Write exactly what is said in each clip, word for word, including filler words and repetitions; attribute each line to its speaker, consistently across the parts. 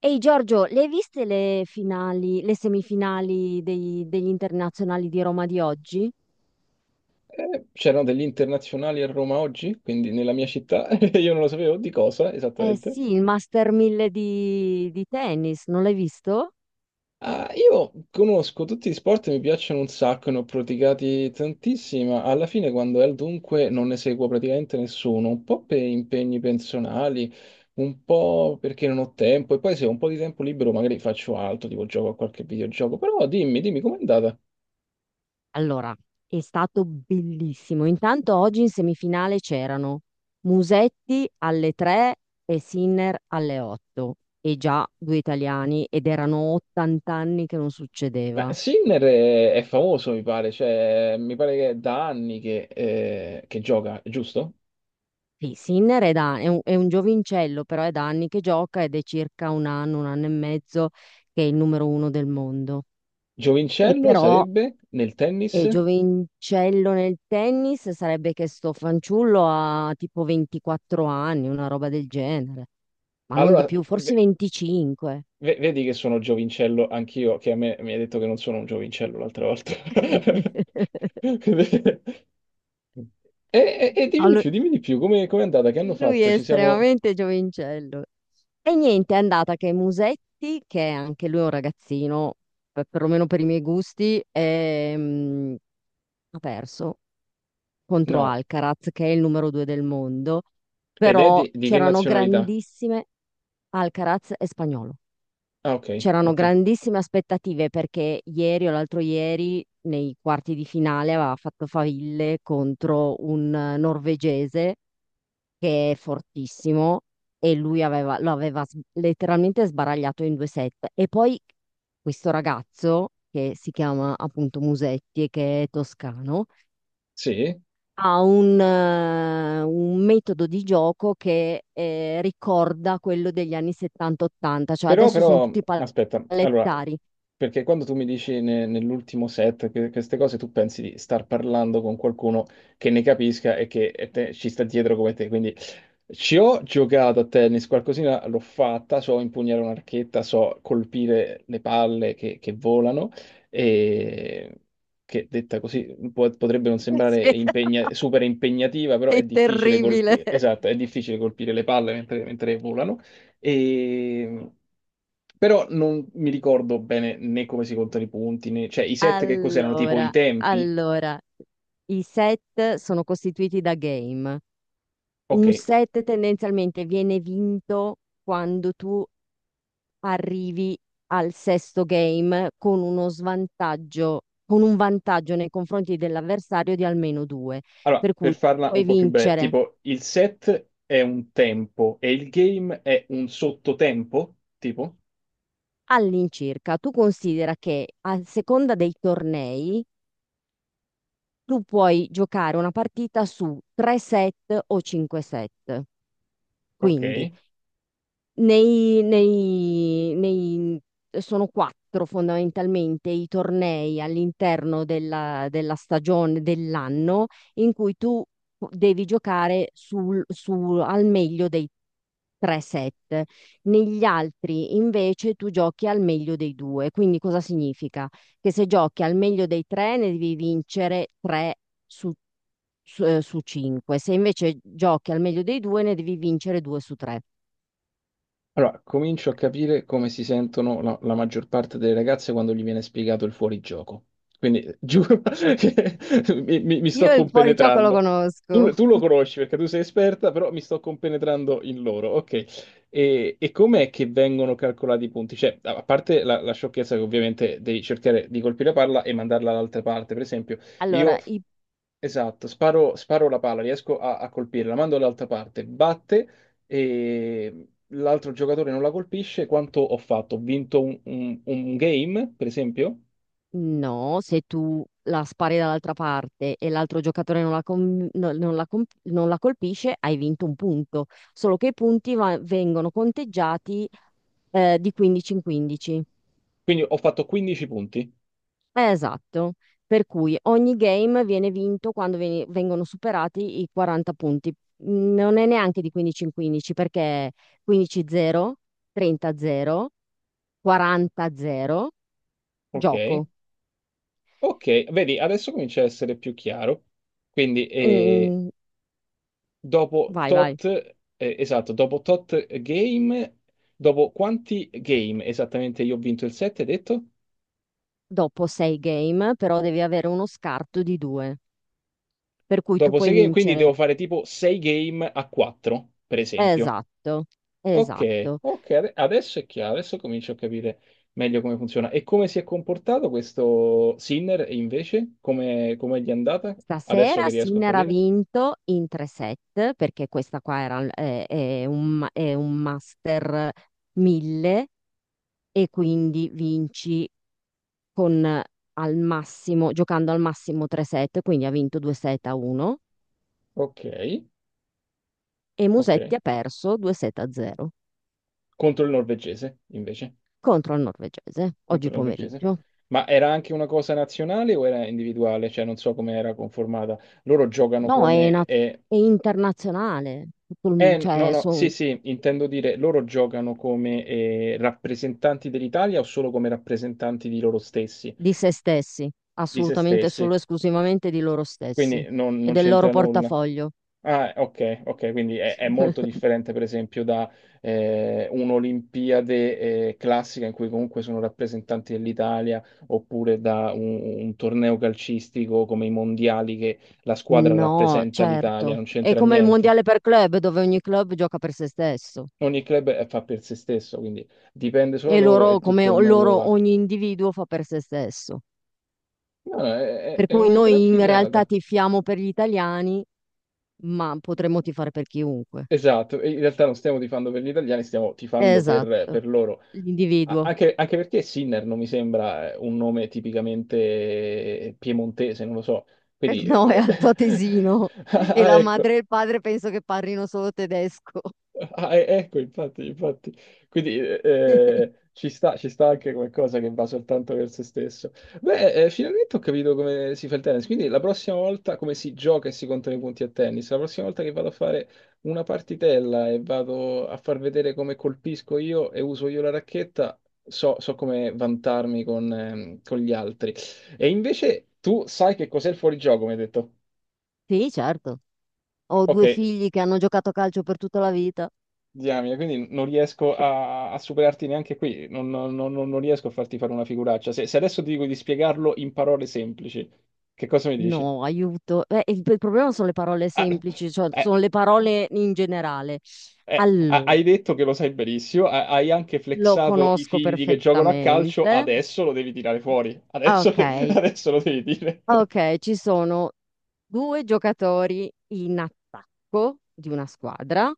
Speaker 1: Ehi Giorgio, le hai viste le finali, le semifinali dei- degli internazionali di Roma di oggi?
Speaker 2: Eh, C'erano degli internazionali a Roma oggi, quindi nella mia città, e io non lo sapevo di cosa
Speaker 1: Eh
Speaker 2: esattamente.
Speaker 1: sì, il Master mille di, di tennis, non l'hai visto?
Speaker 2: Ah, io conosco tutti gli sport, mi piacciono un sacco, ne ho praticati tantissimi, ma alla fine quando è al dunque non ne seguo praticamente nessuno, un po' per impegni personali, un po' perché non ho tempo, e poi se ho un po' di tempo libero magari faccio altro, tipo gioco a qualche videogioco, però dimmi, dimmi com'è andata?
Speaker 1: Allora, è stato bellissimo. Intanto oggi in semifinale c'erano Musetti alle tre e Sinner alle otto, e già due italiani, ed erano ottanta anni che non
Speaker 2: Ma
Speaker 1: succedeva.
Speaker 2: Sinner è, è famoso, mi pare, cioè, mi pare che è da anni che, eh, che gioca, giusto?
Speaker 1: Sì, Sinner è, da- è un, è un giovincello, però è da anni che gioca ed è circa un anno, un anno e mezzo che è il numero uno del mondo. E
Speaker 2: Giovincello
Speaker 1: però
Speaker 2: sarebbe nel
Speaker 1: è
Speaker 2: tennis?
Speaker 1: giovincello nel tennis, sarebbe che sto fanciullo ha tipo ventiquattro anni, una roba del genere, ma non di
Speaker 2: Allora,
Speaker 1: più, forse
Speaker 2: ve-
Speaker 1: venticinque.
Speaker 2: ve- vedi che sono giovincello anch'io, che a me mi hai detto che non sono un giovincello l'altra volta. E, e- e dimmi di
Speaker 1: Allu-
Speaker 2: più, dimmi di più, come è andata? Che hanno
Speaker 1: Lui
Speaker 2: fatto?
Speaker 1: è
Speaker 2: Ci siamo...
Speaker 1: estremamente giovincello. E niente, è andata che Musetti, che è anche lui un ragazzino, per- perlomeno per i miei gusti, è, mm, ha perso contro
Speaker 2: No,
Speaker 1: Alcaraz, che è il numero due del mondo,
Speaker 2: ed è
Speaker 1: però
Speaker 2: di, di che
Speaker 1: c'erano
Speaker 2: nazionalità?
Speaker 1: grandissime Alcaraz e Spagnolo.
Speaker 2: Ah, ok,
Speaker 1: C'erano
Speaker 2: ok.
Speaker 1: grandissime aspettative perché ieri o l'altro ieri, nei quarti di finale, aveva fatto faville contro un eh, norvegese che è fortissimo, e lui aveva- lo aveva s- letteralmente sbaragliato in due set. E poi questo ragazzo, che si chiama appunto Musetti e che è toscano,
Speaker 2: Sì?
Speaker 1: ha un, eh, un metodo di gioco che eh, ricorda quello degli anni settanta ottanta, cioè
Speaker 2: Però,
Speaker 1: adesso sono
Speaker 2: però,
Speaker 1: tutti
Speaker 2: aspetta, allora,
Speaker 1: pallettari.
Speaker 2: perché quando tu mi dici ne- nell'ultimo set che- queste cose, tu pensi di star parlando con qualcuno che ne capisca e che e te- ci sta dietro come te. Quindi ci ho giocato a tennis, qualcosina l'ho fatta, so impugnare una racchetta, so colpire le palle che, che volano, e che detta così può- potrebbe non sembrare impegna- super impegnativa, però
Speaker 1: È
Speaker 2: è difficile
Speaker 1: terribile.
Speaker 2: colpire, esatto, è difficile colpire le palle mentre mentre volano. E... Però non mi ricordo bene né come si contano i punti, né... cioè i set che cos'erano, tipo i
Speaker 1: Allora,
Speaker 2: tempi?
Speaker 1: allora, i set sono costituiti da game.
Speaker 2: Ok,
Speaker 1: Un set tendenzialmente viene vinto quando tu arrivi al sesto game con uno svantaggio, con un vantaggio nei confronti dell'avversario di almeno due,
Speaker 2: allora
Speaker 1: per
Speaker 2: per
Speaker 1: cui
Speaker 2: farla un
Speaker 1: puoi
Speaker 2: po' più breve,
Speaker 1: vincere
Speaker 2: tipo il set è un tempo e il game è un sottotempo? Tipo?
Speaker 1: all'incirca. Tu considera che a seconda dei tornei tu puoi giocare una partita su tre set o cinque set. Quindi.
Speaker 2: Ok.
Speaker 1: Nei nei nei sono quattro fondamentalmente i tornei all'interno della della stagione dell'anno in cui tu devi giocare sul su al meglio dei tre set. Negli altri invece tu giochi al meglio dei due. Quindi cosa significa? Che se giochi al meglio dei tre ne devi vincere tre su su, eh, su cinque. Se invece giochi al meglio dei due ne devi vincere due su tre.
Speaker 2: Allora, comincio a capire come si sentono la, la maggior parte delle ragazze quando gli viene spiegato il fuorigioco. Quindi eh, giuro che mi, mi- mi sto
Speaker 1: Io il fuorigioco lo
Speaker 2: compenetrando.
Speaker 1: conosco.
Speaker 2: Tu, tu lo conosci perché tu sei esperta, però mi sto compenetrando in loro. Ok. E, e com'è che vengono calcolati i punti? Cioè, a a parte la, la sciocchezza che ovviamente devi cercare di colpire la palla e mandarla all'altra parte, per esempio, io
Speaker 1: Allora, i-
Speaker 2: esatto, sparo, sparo la palla, riesco a, a colpirla, la mando all'altra parte, batte e l'altro giocatore non la colpisce, quanto ho fatto? Ho vinto un, un- un game, per esempio?
Speaker 1: no, se tu la spari dall'altra parte e l'altro giocatore non la, com- no- non la com- non la colpisce, hai vinto un punto. Solo che i punti va- vengono conteggiati eh, di quindici in quindici.
Speaker 2: Quindi ho fatto quindici punti.
Speaker 1: Eh, Esatto. Per cui ogni game viene vinto quando veni- vengono superati i quaranta punti. Non è neanche di quindici in quindici perché quindici a zero, trenta a zero, quaranta a zero,
Speaker 2: Ok,
Speaker 1: gioco.
Speaker 2: ok, vedi, adesso comincia a essere più chiaro. Quindi eh,
Speaker 1: In-
Speaker 2: dopo
Speaker 1: Vai, vai.
Speaker 2: tot, eh, esatto, dopo tot game, dopo quanti game esattamente io ho vinto il sette, hai detto?
Speaker 1: Dopo sei game, però devi avere uno scarto di due, per cui tu
Speaker 2: Dopo
Speaker 1: puoi
Speaker 2: sei game, quindi devo
Speaker 1: vincere.
Speaker 2: fare tipo sei game a quattro, per esempio.
Speaker 1: Esatto,
Speaker 2: Ok,
Speaker 1: esatto.
Speaker 2: ok, ade- adesso è chiaro, adesso comincio a capire meglio come funziona. E come si è comportato questo Sinner e invece? Come, come gli è andata? Adesso
Speaker 1: Stasera
Speaker 2: che riesco a
Speaker 1: Sinner ha
Speaker 2: capire.
Speaker 1: vinto in tre set, perché questa qua era, è, è un, ma- è un Master mille, e quindi vinci con eh, al massimo, giocando al massimo tre set, quindi ha vinto due set a uno
Speaker 2: Ok,
Speaker 1: e
Speaker 2: ok.
Speaker 1: Musetti ha perso due set a zero
Speaker 2: Contro il norvegese, invece.
Speaker 1: contro il norvegese oggi
Speaker 2: Contro il norvegese.
Speaker 1: pomeriggio.
Speaker 2: Ma era anche una cosa nazionale o era individuale? Cioè, non so come era conformata. Loro giocano
Speaker 1: No, è,
Speaker 2: come...
Speaker 1: na-
Speaker 2: Eh,
Speaker 1: è internazionale, tutto il-
Speaker 2: eh, no, no,
Speaker 1: cioè
Speaker 2: no, sì,
Speaker 1: sono
Speaker 2: sì, intendo dire, loro giocano come eh, rappresentanti dell'Italia o solo come rappresentanti di loro stessi?
Speaker 1: di se stessi,
Speaker 2: Di se
Speaker 1: assolutamente solo
Speaker 2: stessi,
Speaker 1: e esclusivamente di loro stessi
Speaker 2: quindi non,
Speaker 1: e
Speaker 2: non
Speaker 1: del loro
Speaker 2: c'entra nulla.
Speaker 1: portafoglio.
Speaker 2: Ah, ok, ok, quindi è, è molto differente per esempio da eh, un'Olimpiade eh, classica in cui comunque sono rappresentanti dell'Italia oppure da un, un torneo calcistico come i mondiali che la squadra
Speaker 1: No,
Speaker 2: rappresenta l'Italia,
Speaker 1: certo.
Speaker 2: non
Speaker 1: È
Speaker 2: c'entra
Speaker 1: come il
Speaker 2: niente.
Speaker 1: mondiale per club, dove ogni club gioca per se stesso
Speaker 2: Ogni club eh, fa per se stesso, quindi dipende solo da
Speaker 1: e
Speaker 2: loro
Speaker 1: loro,
Speaker 2: e tutto
Speaker 1: come
Speaker 2: il
Speaker 1: o-
Speaker 2: merito
Speaker 1: loro,
Speaker 2: va.
Speaker 1: ogni individuo fa per se stesso.
Speaker 2: No, no, è, è-
Speaker 1: Per
Speaker 2: è
Speaker 1: cui
Speaker 2: una gran
Speaker 1: noi in realtà
Speaker 2: figata.
Speaker 1: tifiamo per gli italiani, ma potremmo tifare per chiunque.
Speaker 2: Esatto, e in realtà non stiamo tifando per gli italiani, stiamo tifando per,
Speaker 1: Esatto,
Speaker 2: per loro. A-
Speaker 1: l'individuo.
Speaker 2: Anche, anche perché Sinner non mi sembra eh, un nome tipicamente piemontese, non lo so.
Speaker 1: Eh,
Speaker 2: Quindi, eh,
Speaker 1: no, è altoatesino e
Speaker 2: ah,
Speaker 1: la
Speaker 2: ecco,
Speaker 1: madre e il padre penso che parlino solo tedesco.
Speaker 2: ah, e- ecco, infatti, infatti. Quindi eh, ci sta, ci sta anche qualcosa che va soltanto per se stesso. Beh, eh, eh, finalmente ho capito come si fa il tennis. Quindi la prossima volta, come si gioca e si contano i punti a tennis, la prossima volta che vado a fare una partitella e vado a far vedere come colpisco io e uso io la racchetta, so, so come vantarmi con, ehm, con gli altri. E invece tu sai che cos'è il fuorigioco, mi hai detto.
Speaker 1: Sì, certo. Ho
Speaker 2: Ok,
Speaker 1: due figli che hanno giocato a calcio per tutta la vita.
Speaker 2: diamine, quindi non riesco a, a superarti neanche qui, non, non- non- non riesco a farti fare una figuraccia. Se, se adesso ti dico di spiegarlo in parole semplici, che cosa mi dici?
Speaker 1: No, aiuto. Eh, il, il problema sono le parole
Speaker 2: Ah,
Speaker 1: semplici, cioè
Speaker 2: eh,
Speaker 1: sono le parole in generale.
Speaker 2: eh, ah,
Speaker 1: Allora,
Speaker 2: hai detto che lo sai benissimo, ah, hai anche
Speaker 1: lo
Speaker 2: flexato i
Speaker 1: conosco
Speaker 2: figli che giocano a calcio,
Speaker 1: perfettamente.
Speaker 2: adesso lo devi tirare fuori, adesso
Speaker 1: Ok,
Speaker 2: adesso lo devi dire.
Speaker 1: ok, ci sono due giocatori in attacco di una squadra,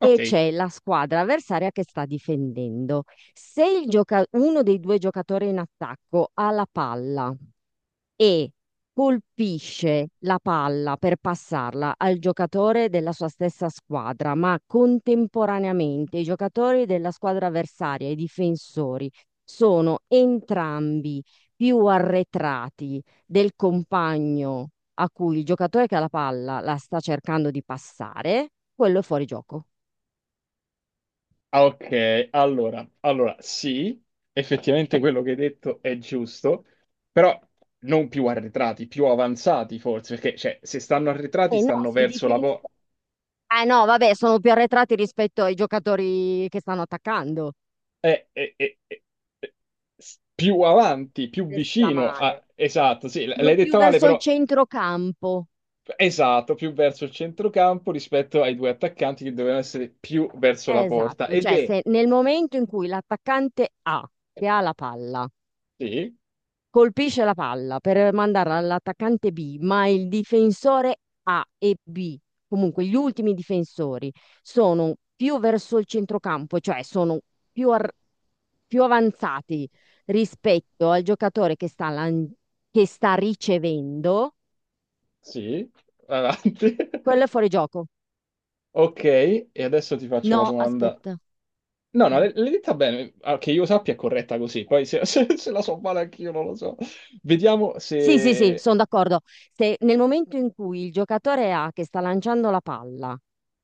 Speaker 1: e c'è la squadra avversaria che sta difendendo. Se il gioca- uno dei due giocatori in attacco ha la palla e colpisce la palla per passarla al giocatore della sua stessa squadra, ma contemporaneamente i giocatori della squadra avversaria, e i difensori, sono entrambi più arretrati del compagno a cui il giocatore che ha la palla la sta cercando di passare, quello è fuori gioco.
Speaker 2: ah, ok, allora, allora, sì, effettivamente quello che hai detto è giusto, però non più arretrati, più avanzati forse, perché cioè, se stanno arretrati
Speaker 1: Eh no,
Speaker 2: stanno
Speaker 1: se
Speaker 2: verso la porta,
Speaker 1: difensa. Eh no, vabbè, sono più arretrati rispetto ai giocatori che stanno attaccando.
Speaker 2: più avanti, più
Speaker 1: Stessa
Speaker 2: vicino a...
Speaker 1: male.
Speaker 2: Esatto, sì, l-
Speaker 1: Sono
Speaker 2: l'hai
Speaker 1: più
Speaker 2: detta male,
Speaker 1: verso il
Speaker 2: però
Speaker 1: centrocampo.
Speaker 2: esatto, più verso il centrocampo rispetto ai due attaccanti che dovevano essere più verso
Speaker 1: Eh,
Speaker 2: la porta.
Speaker 1: Esatto,
Speaker 2: Ed
Speaker 1: cioè
Speaker 2: è...
Speaker 1: se nel momento in cui l'attaccante A, che ha la palla,
Speaker 2: Sì,
Speaker 1: colpisce la palla per mandarla all'attaccante B, ma il difensore A e B, comunque gli ultimi difensori, sono più verso il centrocampo, cioè sono più, ar- più avanzati rispetto al giocatore che sta, lan- che sta ricevendo,
Speaker 2: sì, avanti.
Speaker 1: quello è fuori gioco.
Speaker 2: Ok, e adesso ti faccio la
Speaker 1: No,
Speaker 2: domanda.
Speaker 1: aspetta.
Speaker 2: No, no,
Speaker 1: Eh.
Speaker 2: l'hai l'hai detta bene, ah, che io sappia è corretta così, poi se, se- se la so male anch'io non lo so. Vediamo
Speaker 1: Sì, sì, sì,
Speaker 2: se.
Speaker 1: sono d'accordo. Se nel momento in cui il giocatore A che sta lanciando la palla,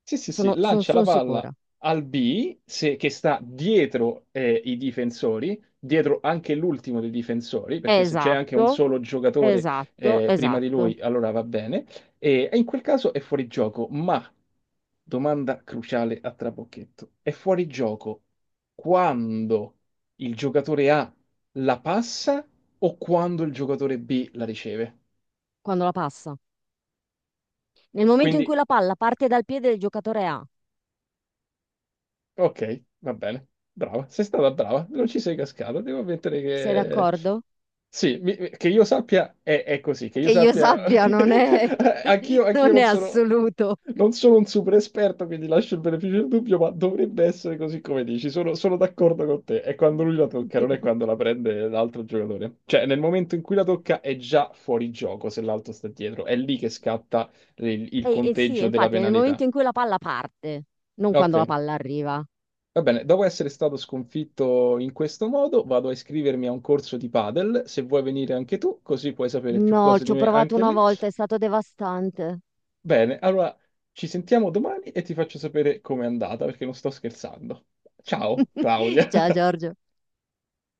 Speaker 2: Sì, sì, sì,
Speaker 1: sono sono-
Speaker 2: lancia la
Speaker 1: sono
Speaker 2: palla
Speaker 1: sicura.
Speaker 2: al B, se- che sta dietro eh, i difensori, dietro anche l'ultimo dei difensori, perché se c'è anche un
Speaker 1: Esatto,
Speaker 2: solo giocatore
Speaker 1: esatto,
Speaker 2: eh, prima di
Speaker 1: esatto.
Speaker 2: lui, allora va bene, e, e in quel caso è fuori gioco, ma, domanda cruciale a trabocchetto, è fuori gioco quando il giocatore A la passa o quando il giocatore B la riceve?
Speaker 1: Quando la passa. Nel momento in
Speaker 2: Quindi
Speaker 1: cui la palla parte dal piede del giocatore A,
Speaker 2: ok, va bene. Brava, sei stata brava, non ci sei cascata. Devo ammettere
Speaker 1: sei
Speaker 2: che...
Speaker 1: d'accordo?
Speaker 2: Sì, mi- che io sappia è, è così, che io
Speaker 1: Che io
Speaker 2: sappia...
Speaker 1: sappia,
Speaker 2: che-
Speaker 1: non è,
Speaker 2: Anch'io, anch'io
Speaker 1: non è
Speaker 2: non sono,
Speaker 1: assoluto.
Speaker 2: non sono un super esperto, quindi lascio il beneficio del dubbio, ma dovrebbe essere così come dici. Sono, sono d'accordo con te. È quando lui la tocca, non è quando la prende l'altro giocatore. Cioè, nel momento in cui la tocca è già fuori gioco se l'altro sta dietro. È lì che scatta il il
Speaker 1: E, e sì,
Speaker 2: conteggio della
Speaker 1: infatti, nel
Speaker 2: penalità.
Speaker 1: momento in cui la palla parte, non
Speaker 2: Ok.
Speaker 1: quando la palla arriva.
Speaker 2: Va bene, dopo essere stato sconfitto in questo modo, vado a iscrivermi a un corso di padel, se vuoi venire anche tu, così puoi sapere più
Speaker 1: No,
Speaker 2: cose
Speaker 1: ci
Speaker 2: di
Speaker 1: ho
Speaker 2: me
Speaker 1: provato
Speaker 2: anche
Speaker 1: una
Speaker 2: lì.
Speaker 1: volta, è stato devastante.
Speaker 2: Bene, allora ci sentiamo domani e ti faccio sapere com'è andata, perché non sto scherzando. Ciao, Claudia.
Speaker 1: Ciao Giorgio.